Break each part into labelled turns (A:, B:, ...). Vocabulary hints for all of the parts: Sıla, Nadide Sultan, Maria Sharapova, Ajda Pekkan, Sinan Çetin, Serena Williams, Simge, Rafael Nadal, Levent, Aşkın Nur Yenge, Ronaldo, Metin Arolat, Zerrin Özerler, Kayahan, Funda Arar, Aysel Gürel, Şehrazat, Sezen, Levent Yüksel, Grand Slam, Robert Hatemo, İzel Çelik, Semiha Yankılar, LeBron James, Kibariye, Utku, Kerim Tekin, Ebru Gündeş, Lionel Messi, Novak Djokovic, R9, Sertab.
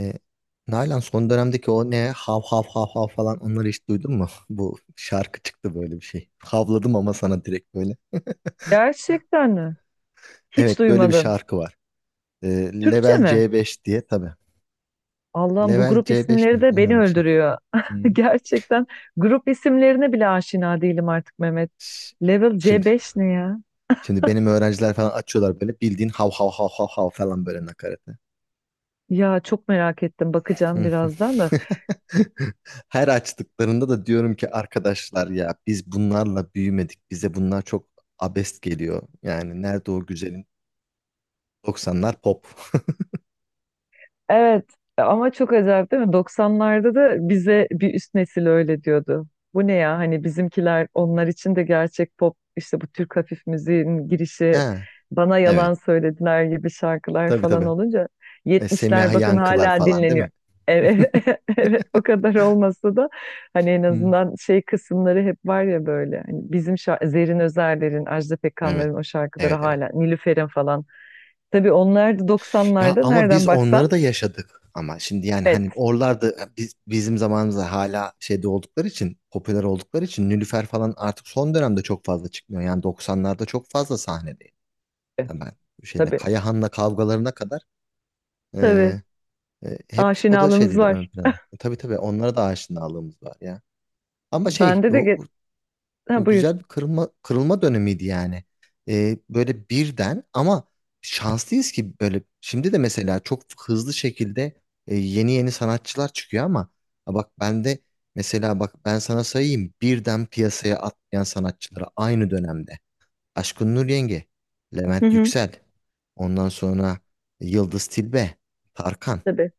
A: E, Nalan son dönemdeki o ne hav hav hav hav falan onları hiç duydun mu? Bu şarkı çıktı böyle bir şey. Havladım ama sana direkt böyle.
B: Gerçekten mi? Hiç
A: Evet böyle bir
B: duymadım.
A: şarkı var. E,
B: Türkçe
A: Level
B: mi?
A: C5 diye tabii.
B: Allah'ım bu
A: Level
B: grup
A: C5
B: isimleri
A: mi?
B: de
A: Ne
B: beni
A: öyle bir şey.
B: öldürüyor.
A: Hmm.
B: Gerçekten grup isimlerine bile aşina değilim artık Mehmet.
A: Ş-
B: Level
A: Şimdi
B: C5 ne ya?
A: şimdi benim öğrenciler falan açıyorlar böyle bildiğin hav hav hav hav hav falan böyle nakaratı.
B: Ya çok merak ettim
A: Hı
B: bakacağım
A: hı.
B: birazdan da.
A: Her açtıklarında da diyorum ki arkadaşlar ya biz bunlarla büyümedik. Bize bunlar çok abest geliyor. Yani nerede o güzelin 90'lar pop.
B: Evet, ama çok acayip değil mi? Doksanlarda da bize bir üst nesil öyle diyordu. Bu ne ya, hani bizimkiler onlar için de gerçek pop, işte bu Türk hafif müziğin girişi
A: Ha,
B: bana yalan
A: evet.
B: söylediler gibi şarkılar
A: Tabii
B: falan
A: tabii.
B: olunca. 70'ler
A: Semiha
B: bakın
A: Yankılar
B: hala
A: falan değil
B: dinleniyor.
A: mi?
B: Evet, evet o kadar olmasa da hani en
A: Hı.
B: azından şey kısımları hep var ya, böyle hani bizim şarkı, Zerrin Özerler'in, Ajda
A: Evet.
B: Pekkan'ların o şarkıları
A: Evet evet.
B: hala, Nilüfer'in falan. Tabii onlar da
A: Ya
B: doksanlarda
A: ama biz
B: nereden
A: onları
B: baksan
A: da yaşadık. Ama şimdi yani hani
B: evet.
A: oralarda bizim zamanımızda hala şeyde oldukları için popüler oldukları için Nilüfer falan artık son dönemde çok fazla çıkmıyor. Yani 90'larda çok fazla sahnedeydi. Yani ben şeyde
B: Tabii,
A: Kayahan'la kavgalarına kadar
B: tabii.
A: e, hep o da
B: Aşinalığımız
A: şeydi ön
B: var.
A: planda. Tabii tabii onlara da aşinalığımız var ya. Ama şey
B: Bende de
A: o.
B: ge-
A: O
B: ha, buyur.
A: güzel bir kırılma dönemiydi yani. Böyle birden ama şanslıyız ki böyle şimdi de mesela çok hızlı şekilde yeni yeni sanatçılar çıkıyor ama ha bak ben de mesela bak ben sana sayayım birden piyasaya atlayan sanatçıları aynı dönemde. Aşkın Nur Yenge,
B: Hı
A: Levent
B: hı,
A: Yüksel, ondan sonra Yıldız Tilbe, Tarkan.
B: tabii.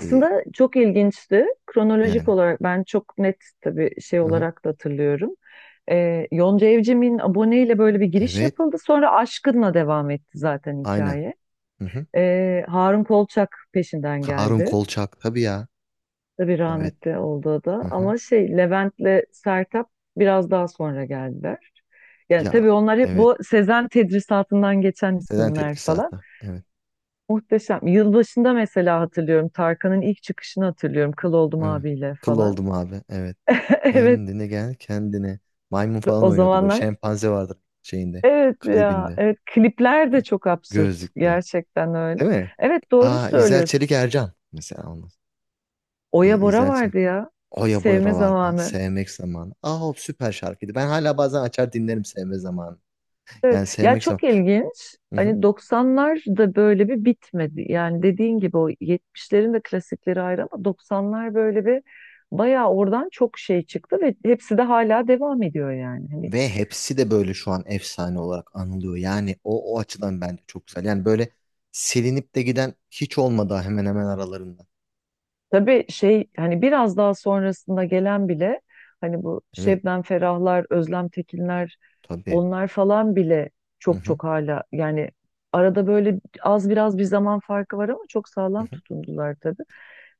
A: Ee,
B: çok ilginçti. Kronolojik
A: yani.
B: olarak ben çok net tabii şey
A: Hı hı.
B: olarak da hatırlıyorum. Yonca Evcimik'in aboneyle böyle bir giriş
A: Evet,
B: yapıldı. Sonra Aşkın'la devam etti zaten
A: aynen.
B: hikaye.
A: Hı hı.
B: Harun Kolçak peşinden
A: Harun
B: geldi.
A: Kolçak tabii ya.
B: Tabii
A: Evet.
B: rahmetli oldu o
A: Hı
B: da.
A: hı.
B: Ama şey, Levent'le Sertab biraz daha sonra geldiler. Yani
A: Ya
B: tabii onlar hep
A: evet.
B: bu Sezen tedrisatından geçen
A: Selen
B: isimler
A: Tetris
B: falan.
A: hatta. Evet.
B: Muhteşem. Yılbaşında mesela hatırlıyorum. Tarkan'ın ilk çıkışını hatırlıyorum. Kıl oldum
A: Evet.
B: abiyle
A: Kıl
B: falan.
A: oldum abi. Evet.
B: Evet,
A: Kendine gel kendine. Maymun falan
B: o
A: oynuyordu böyle.
B: zamanlar.
A: Şempanze vardır şeyinde.
B: Evet ya.
A: Klibinde.
B: Evet, klipler de çok absürt.
A: Gözlükte.
B: Gerçekten öyle.
A: Değil mi?
B: Evet, doğru
A: Aa İzel
B: söylüyorsun.
A: Çelik Ercan. Mesela onun.
B: Oya Bora
A: İzel Çelik.
B: vardı ya.
A: Oya
B: Sevme
A: Boyra vardı.
B: zamanı.
A: Sevmek zamanı. Aa o süper şarkıydı. Ben hala bazen açar dinlerim sevme zamanı. Yani
B: Ya
A: sevmek zamanı.
B: çok ilginç. Hani 90'lar da böyle bir bitmedi. Yani dediğin gibi o 70'lerin de klasikleri ayrı ama 90'lar böyle bir bayağı oradan çok şey çıktı ve hepsi de hala devam ediyor yani. Hani
A: Ve hepsi de böyle şu an efsane olarak anılıyor. Yani o açıdan bence çok güzel. Yani böyle silinip de giden hiç olmadı hemen hemen aralarında.
B: tabii şey, hani biraz daha sonrasında gelen bile, hani bu
A: Evet
B: Şebnem Ferahlar, Özlem Tekinler,
A: tabii.
B: onlar falan bile
A: Hı
B: çok
A: hı,
B: çok hala yani, arada böyle az biraz bir zaman farkı var ama çok
A: hı
B: sağlam
A: hı.
B: tutundular tabii.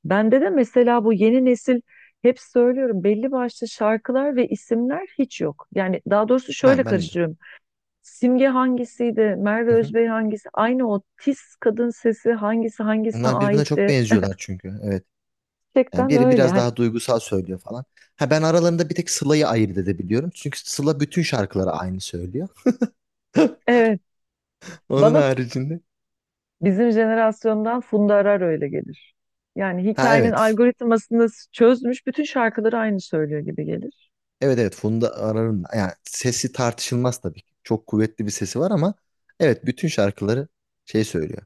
B: Bende de mesela bu yeni nesil, hep söylüyorum, belli başlı şarkılar ve isimler hiç yok. Yani daha doğrusu şöyle
A: Ben de.
B: karıştırıyorum. Simge hangisiydi, Merve
A: Hı hı.
B: Özbey hangisi, aynı o tiz kadın sesi hangisi hangisine
A: Onlar birbirine çok
B: aitti.
A: benziyorlar çünkü. Evet. Yani
B: Gerçekten
A: biri
B: öyle.
A: biraz
B: Hani,
A: daha duygusal söylüyor falan. Ha ben aralarında bir tek Sıla'yı ayırt edebiliyorum. Çünkü Sıla bütün şarkıları aynı söylüyor.
B: evet.
A: Onun
B: Bana
A: haricinde.
B: bizim jenerasyondan Funda Arar öyle gelir. Yani
A: Ha
B: hikayenin
A: evet.
B: algoritmasını çözmüş, bütün şarkıları aynı söylüyor gibi gelir.
A: Evet evet Funda Arar'ın yani sesi tartışılmaz tabii ki. Çok kuvvetli bir sesi var ama evet bütün şarkıları şey söylüyor.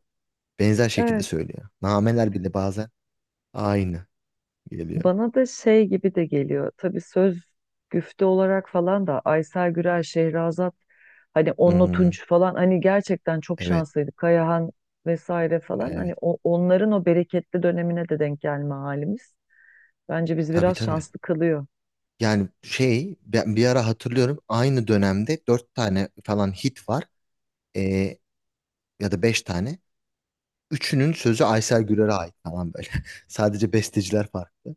A: Benzer şekilde
B: Evet.
A: söylüyor. Nameler bile bazen aynı geliyor.
B: Bana da şey gibi de geliyor. Tabii söz, güfte olarak falan da Aysel Gürel, Şehrazat, hani Onno
A: Hmm,
B: Tunç falan, hani gerçekten çok
A: evet
B: şanslıydı. Kayahan vesaire falan,
A: evet.
B: hani onların o bereketli dönemine de denk gelme halimiz. Bence bizi
A: Tabii
B: biraz
A: tabii.
B: şanslı kılıyor
A: Yani şey ben bir ara hatırlıyorum aynı dönemde dört tane falan hit var. Ee, ya da beş tane. Üçünün sözü Aysel Gürer'e ait falan böyle. Sadece besteciler farklı.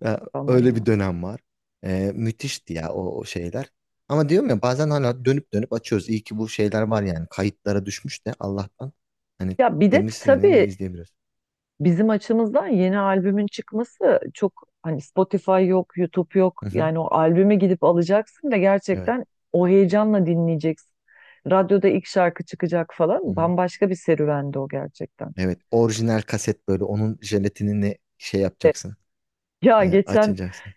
A: Ya,
B: ama
A: öyle
B: ya.
A: bir dönem var. Müthişti ya o şeyler. Ama diyorum ya bazen hala dönüp dönüp açıyoruz. İyi ki bu şeyler var yani. Kayıtlara düşmüş de Allah'tan. Hani
B: Ya bir de
A: temiz sineğini
B: tabii
A: izleyebiliyoruz.
B: bizim açımızdan yeni albümün çıkması çok, hani Spotify yok, YouTube yok.
A: Hı hı.
B: Yani o albümü gidip alacaksın ve
A: Evet.
B: gerçekten o heyecanla dinleyeceksin. Radyoda ilk şarkı çıkacak
A: Hı
B: falan.
A: hı.
B: Bambaşka bir serüvendi o gerçekten.
A: Evet. Orijinal kaset böyle. Onun jelatinini şey yapacaksın.
B: Ya
A: Ee,
B: geçen
A: açacaksın.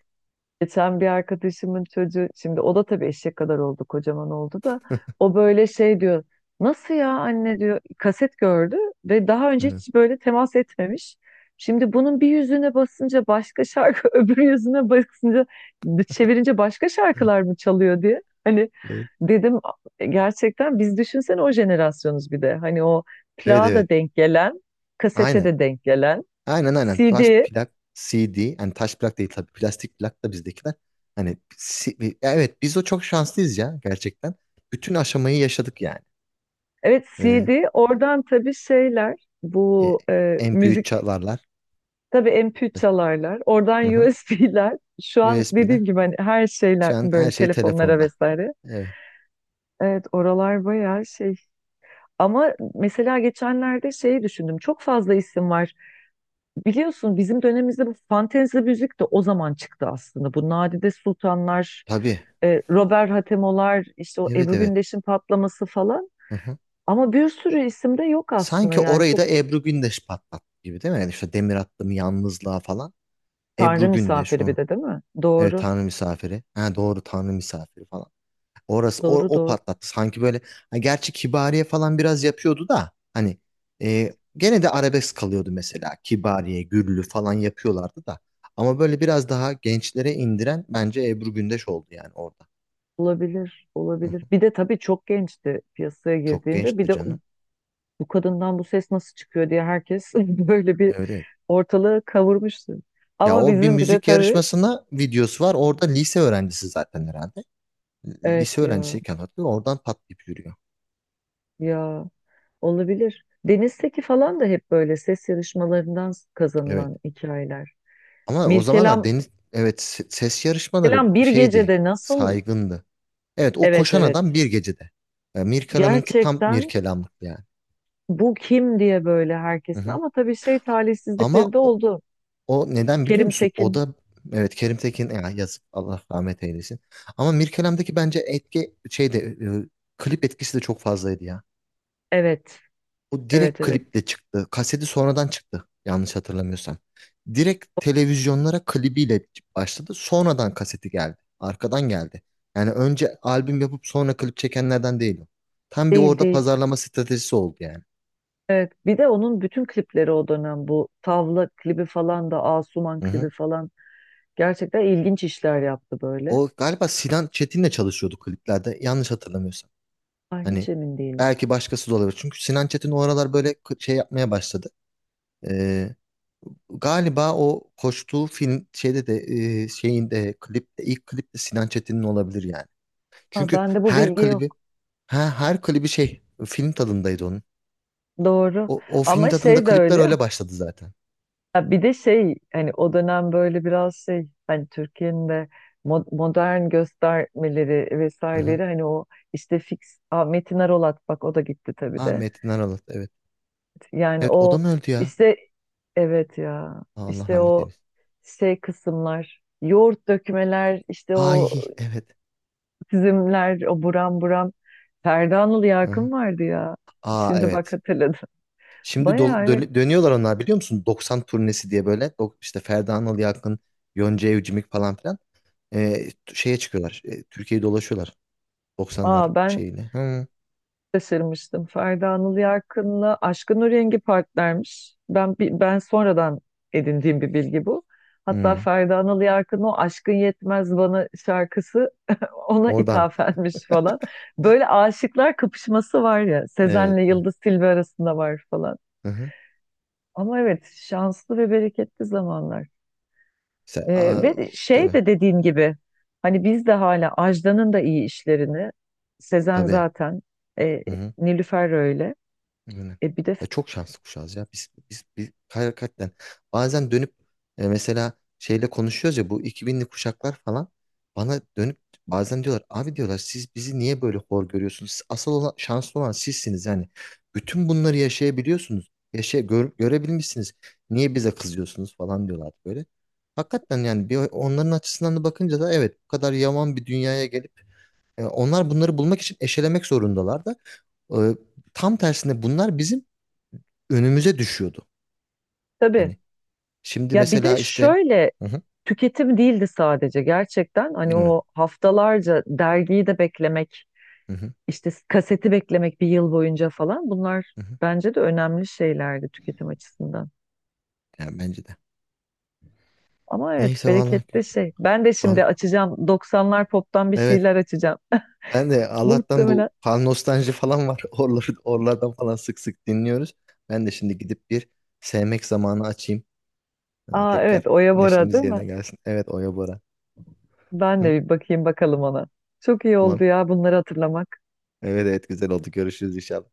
B: Geçen bir arkadaşımın çocuğu, şimdi o da tabii eşek kadar oldu, kocaman oldu da o böyle şey diyor, nasıl ya anne diyor, kaset gördü ve daha önce
A: Evet.
B: hiç böyle temas etmemiş. Şimdi bunun bir yüzüne basınca başka şarkı, öbür yüzüne basınca, çevirince başka şarkılar mı çalıyor diye. Hani
A: Evet.
B: dedim, gerçekten biz düşünsene o jenerasyonuz bir de. Hani o
A: Evet
B: plağa
A: evet.
B: da denk gelen, kasete
A: Aynen.
B: de denk gelen,
A: Aynen aynen. Taş
B: CD.
A: plak CD. Hani taş plak değil tabii. Plastik plak da bizdekiler. Hani evet biz o çok şanslıyız ya gerçekten. Bütün aşamayı yaşadık yani.
B: Evet,
A: Ee,
B: CD oradan tabii şeyler,
A: e,
B: bu
A: MP3
B: müzik,
A: çalarlar.
B: tabii MP3 çalarlar oradan,
A: Hı hı.
B: USB'ler şu an
A: USB'ler.
B: dediğim gibi, hani her şeyler
A: Şu an her
B: böyle
A: şey
B: telefonlara
A: telefonda.
B: vesaire.
A: Evet.
B: Evet, oralar bayağı şey, ama mesela geçenlerde şeyi düşündüm, çok fazla isim var biliyorsun bizim dönemimizde. Bu fantezi müzik de o zaman çıktı aslında, bu Nadide Sultanlar,
A: Tabii.
B: Robert Hatemo'lar, işte o
A: Evet
B: Ebru
A: evet.
B: Gündeş'in patlaması falan,
A: Hı hı.
B: ama bir sürü isim de yok aslında
A: Sanki
B: yani
A: orayı
B: çok.
A: da Ebru Gündeş patlattı gibi değil mi? Yani işte demir attım yalnızlığa falan.
B: Tanrı
A: Ebru Gündeş
B: misafiri bir
A: o.
B: de değil mi?
A: Evet
B: Doğru.
A: Tanrı misafiri. Ha doğru Tanrı misafiri. Orası o,
B: Doğru
A: o
B: doğru.
A: patlattı. Sanki böyle ha, gerçi Kibariye falan biraz yapıyordu da hani gene de arabesk kalıyordu mesela. Kibariye, Güllü falan yapıyorlardı da. Ama böyle biraz daha gençlere indiren bence Ebru Gündeş oldu yani orada.
B: Olabilir.
A: Hı hı.
B: Olabilir. Bir de tabii çok gençti piyasaya
A: Çok
B: girdiğinde. Bir
A: gençti
B: de
A: canım.
B: bu kadından bu ses nasıl çıkıyor diye herkes böyle bir
A: Evet evet.
B: ortalığı kavurmuştu.
A: Ya
B: Ama
A: o bir
B: bizim bir de
A: müzik
B: tabii
A: yarışmasına videosu var. Orada lise öğrencisi zaten herhalde. Lise
B: evet ya,
A: öğrencisiyken hatırlıyorum. Oradan patlayıp yürüyor.
B: ya olabilir. Deniz Seki falan da hep böyle ses yarışmalarından
A: Evet.
B: kazanılan hikayeler.
A: Ama o zamanlar
B: Mirkelam
A: deniz evet ses yarışmaları
B: Mirkelam bir
A: şeydi.
B: gecede nasıl,
A: Saygındı. Evet o
B: evet
A: koşan
B: evet,
A: adam bir gecede. Mirkelam'ınki tam
B: gerçekten
A: Mirkelamlık yani.
B: bu kim diye böyle
A: Hı
B: herkesin,
A: hı.
B: ama tabii şey,
A: Ama
B: talihsizlikleri de
A: o,
B: oldu.
A: o neden biliyor
B: Kerim
A: musun? O
B: Tekin.
A: da evet Kerim Tekin ya yazık Allah rahmet eylesin. Ama Mirkelam'daki bence etki şeyde klip etkisi de çok fazlaydı ya.
B: Evet.
A: O direkt
B: Evet evet.
A: kliple çıktı. Kaseti sonradan çıktı yanlış hatırlamıyorsam. Direkt televizyonlara klibiyle başladı. Sonradan kaseti geldi. Arkadan geldi. Yani önce albüm yapıp sonra klip çekenlerden değil o. Tam bir
B: Değil
A: orada
B: değil.
A: pazarlama stratejisi oldu yani.
B: Evet. Bir de onun bütün klipleri o dönem bu. Tavla klibi falan da, Asuman
A: Hı hı.
B: klibi falan. Gerçekten ilginç işler yaptı böyle.
A: O galiba Sinan Çetin'le çalışıyordu kliplerde. Yanlış hatırlamıyorsam.
B: Ay hiç
A: Hani
B: emin değilim.
A: belki başkası da olabilir. Çünkü Sinan Çetin o aralar böyle şey yapmaya başladı. Ee, galiba o koştuğu film şeyde de şeyinde klipte ilk klip de Sinan Çetin'in olabilir yani.
B: Ha,
A: Çünkü
B: bende bu bilgi yok.
A: her klibi şey film tadındaydı onun.
B: Doğru.
A: O film
B: Ama
A: tadında
B: şey de
A: klipler
B: öyle ya.
A: öyle başladı zaten.
B: Ha, bir de şey, hani o dönem böyle biraz şey, hani Türkiye'nin de modern göstermeleri
A: Hı hı.
B: vesaireleri, hani o işte fix. Aa, Metin Arolat, bak o da gitti tabii
A: Ha
B: de.
A: Metin Aralat evet.
B: Yani
A: Evet o da
B: o
A: mı öldü ya?
B: işte, evet ya,
A: Allah
B: işte
A: rahmet
B: o
A: eylesin.
B: şey kısımlar, yoğurt dökmeler, işte o
A: Ay evet.
B: çizimler o buram buram. Ferda Anıl
A: Hı hı.
B: Yakın vardı ya.
A: Aa
B: Şimdi bak
A: evet.
B: hatırladım.
A: Şimdi
B: Bayağı evet.
A: dönüyorlar onlar biliyor musun? 90 turnesi diye böyle işte Ferda Anıl Yakın, Yonca Evcimik falan filan şeye çıkıyorlar. Türkiye'yi dolaşıyorlar doksanlar
B: Aa ben
A: şeyini. Hı,
B: şaşırmıştım. Ferdi Anıl Yarkın'la Aşkın O Rengi partnermiş. Ben sonradan edindiğim bir bilgi bu. Hatta
A: hı.
B: Ferdi Anıl Yarkın, o Aşkın Yetmez Bana şarkısı ona
A: Oradan.
B: ithafenmiş falan. Böyle aşıklar kapışması var ya,
A: Evet.
B: Sezen'le Yıldız Tilbe arasında var falan.
A: Hı hı.
B: Ama evet, şanslı ve bereketli zamanlar.
A: Aa,
B: Ve şey
A: tabii.
B: de dediğin gibi, hani biz de hala Ajda'nın da iyi işlerini, Sezen
A: Tabii.
B: zaten, e,
A: Hı hı.
B: Nilüfer öyle.
A: Yani.
B: E bir de
A: Ya çok şanslı kuşağız ya. Biz hakikaten bazen dönüp mesela şeyle konuşuyoruz ya bu 2000'li kuşaklar falan bana dönüp bazen diyorlar abi diyorlar siz bizi niye böyle hor görüyorsunuz? Siz asıl olan, şanslı olan sizsiniz yani. Bütün bunları yaşayabiliyorsunuz. Yaşa, görebilmişsiniz. Niye bize kızıyorsunuz falan diyorlar böyle. Hakikaten yani bir onların açısından da bakınca da evet bu kadar yaman bir dünyaya gelip onlar bunları bulmak için eşelemek zorundalar da e, tam tersine bunlar bizim önümüze düşüyordu.
B: tabii.
A: Hani şimdi
B: Ya bir de
A: mesela işte
B: şöyle,
A: hı hı,
B: tüketim değildi sadece gerçekten. Hani
A: evet,
B: o haftalarca dergiyi de beklemek,
A: hı hı,
B: işte kaseti beklemek bir yıl boyunca falan, bunlar
A: hı hı.
B: bence de önemli şeylerdi tüketim açısından.
A: Yani bence de.
B: Ama evet,
A: Neyse vallahi
B: bereketli şey. Ben de
A: an
B: şimdi açacağım, 90'lar pop'tan bir
A: evet
B: şeyler açacağım.
A: ben de Allah'tan
B: Muhtemelen.
A: bu pan nostalji falan var. Oralardan falan sık sık dinliyoruz. Ben de şimdi gidip bir sevmek zamanı açayım.
B: Aa evet,
A: Tekrar
B: Oya Bora
A: neşemiz
B: değil mi?
A: yerine gelsin. Evet Oya Bora.
B: Ben
A: Hı?
B: de bir bakayım bakalım ona. Çok iyi
A: Tamam.
B: oldu ya bunları hatırlamak.
A: Evet evet güzel oldu. Görüşürüz inşallah.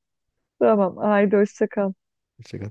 B: Tamam, haydi hoşça kal.
A: Hoşça kal.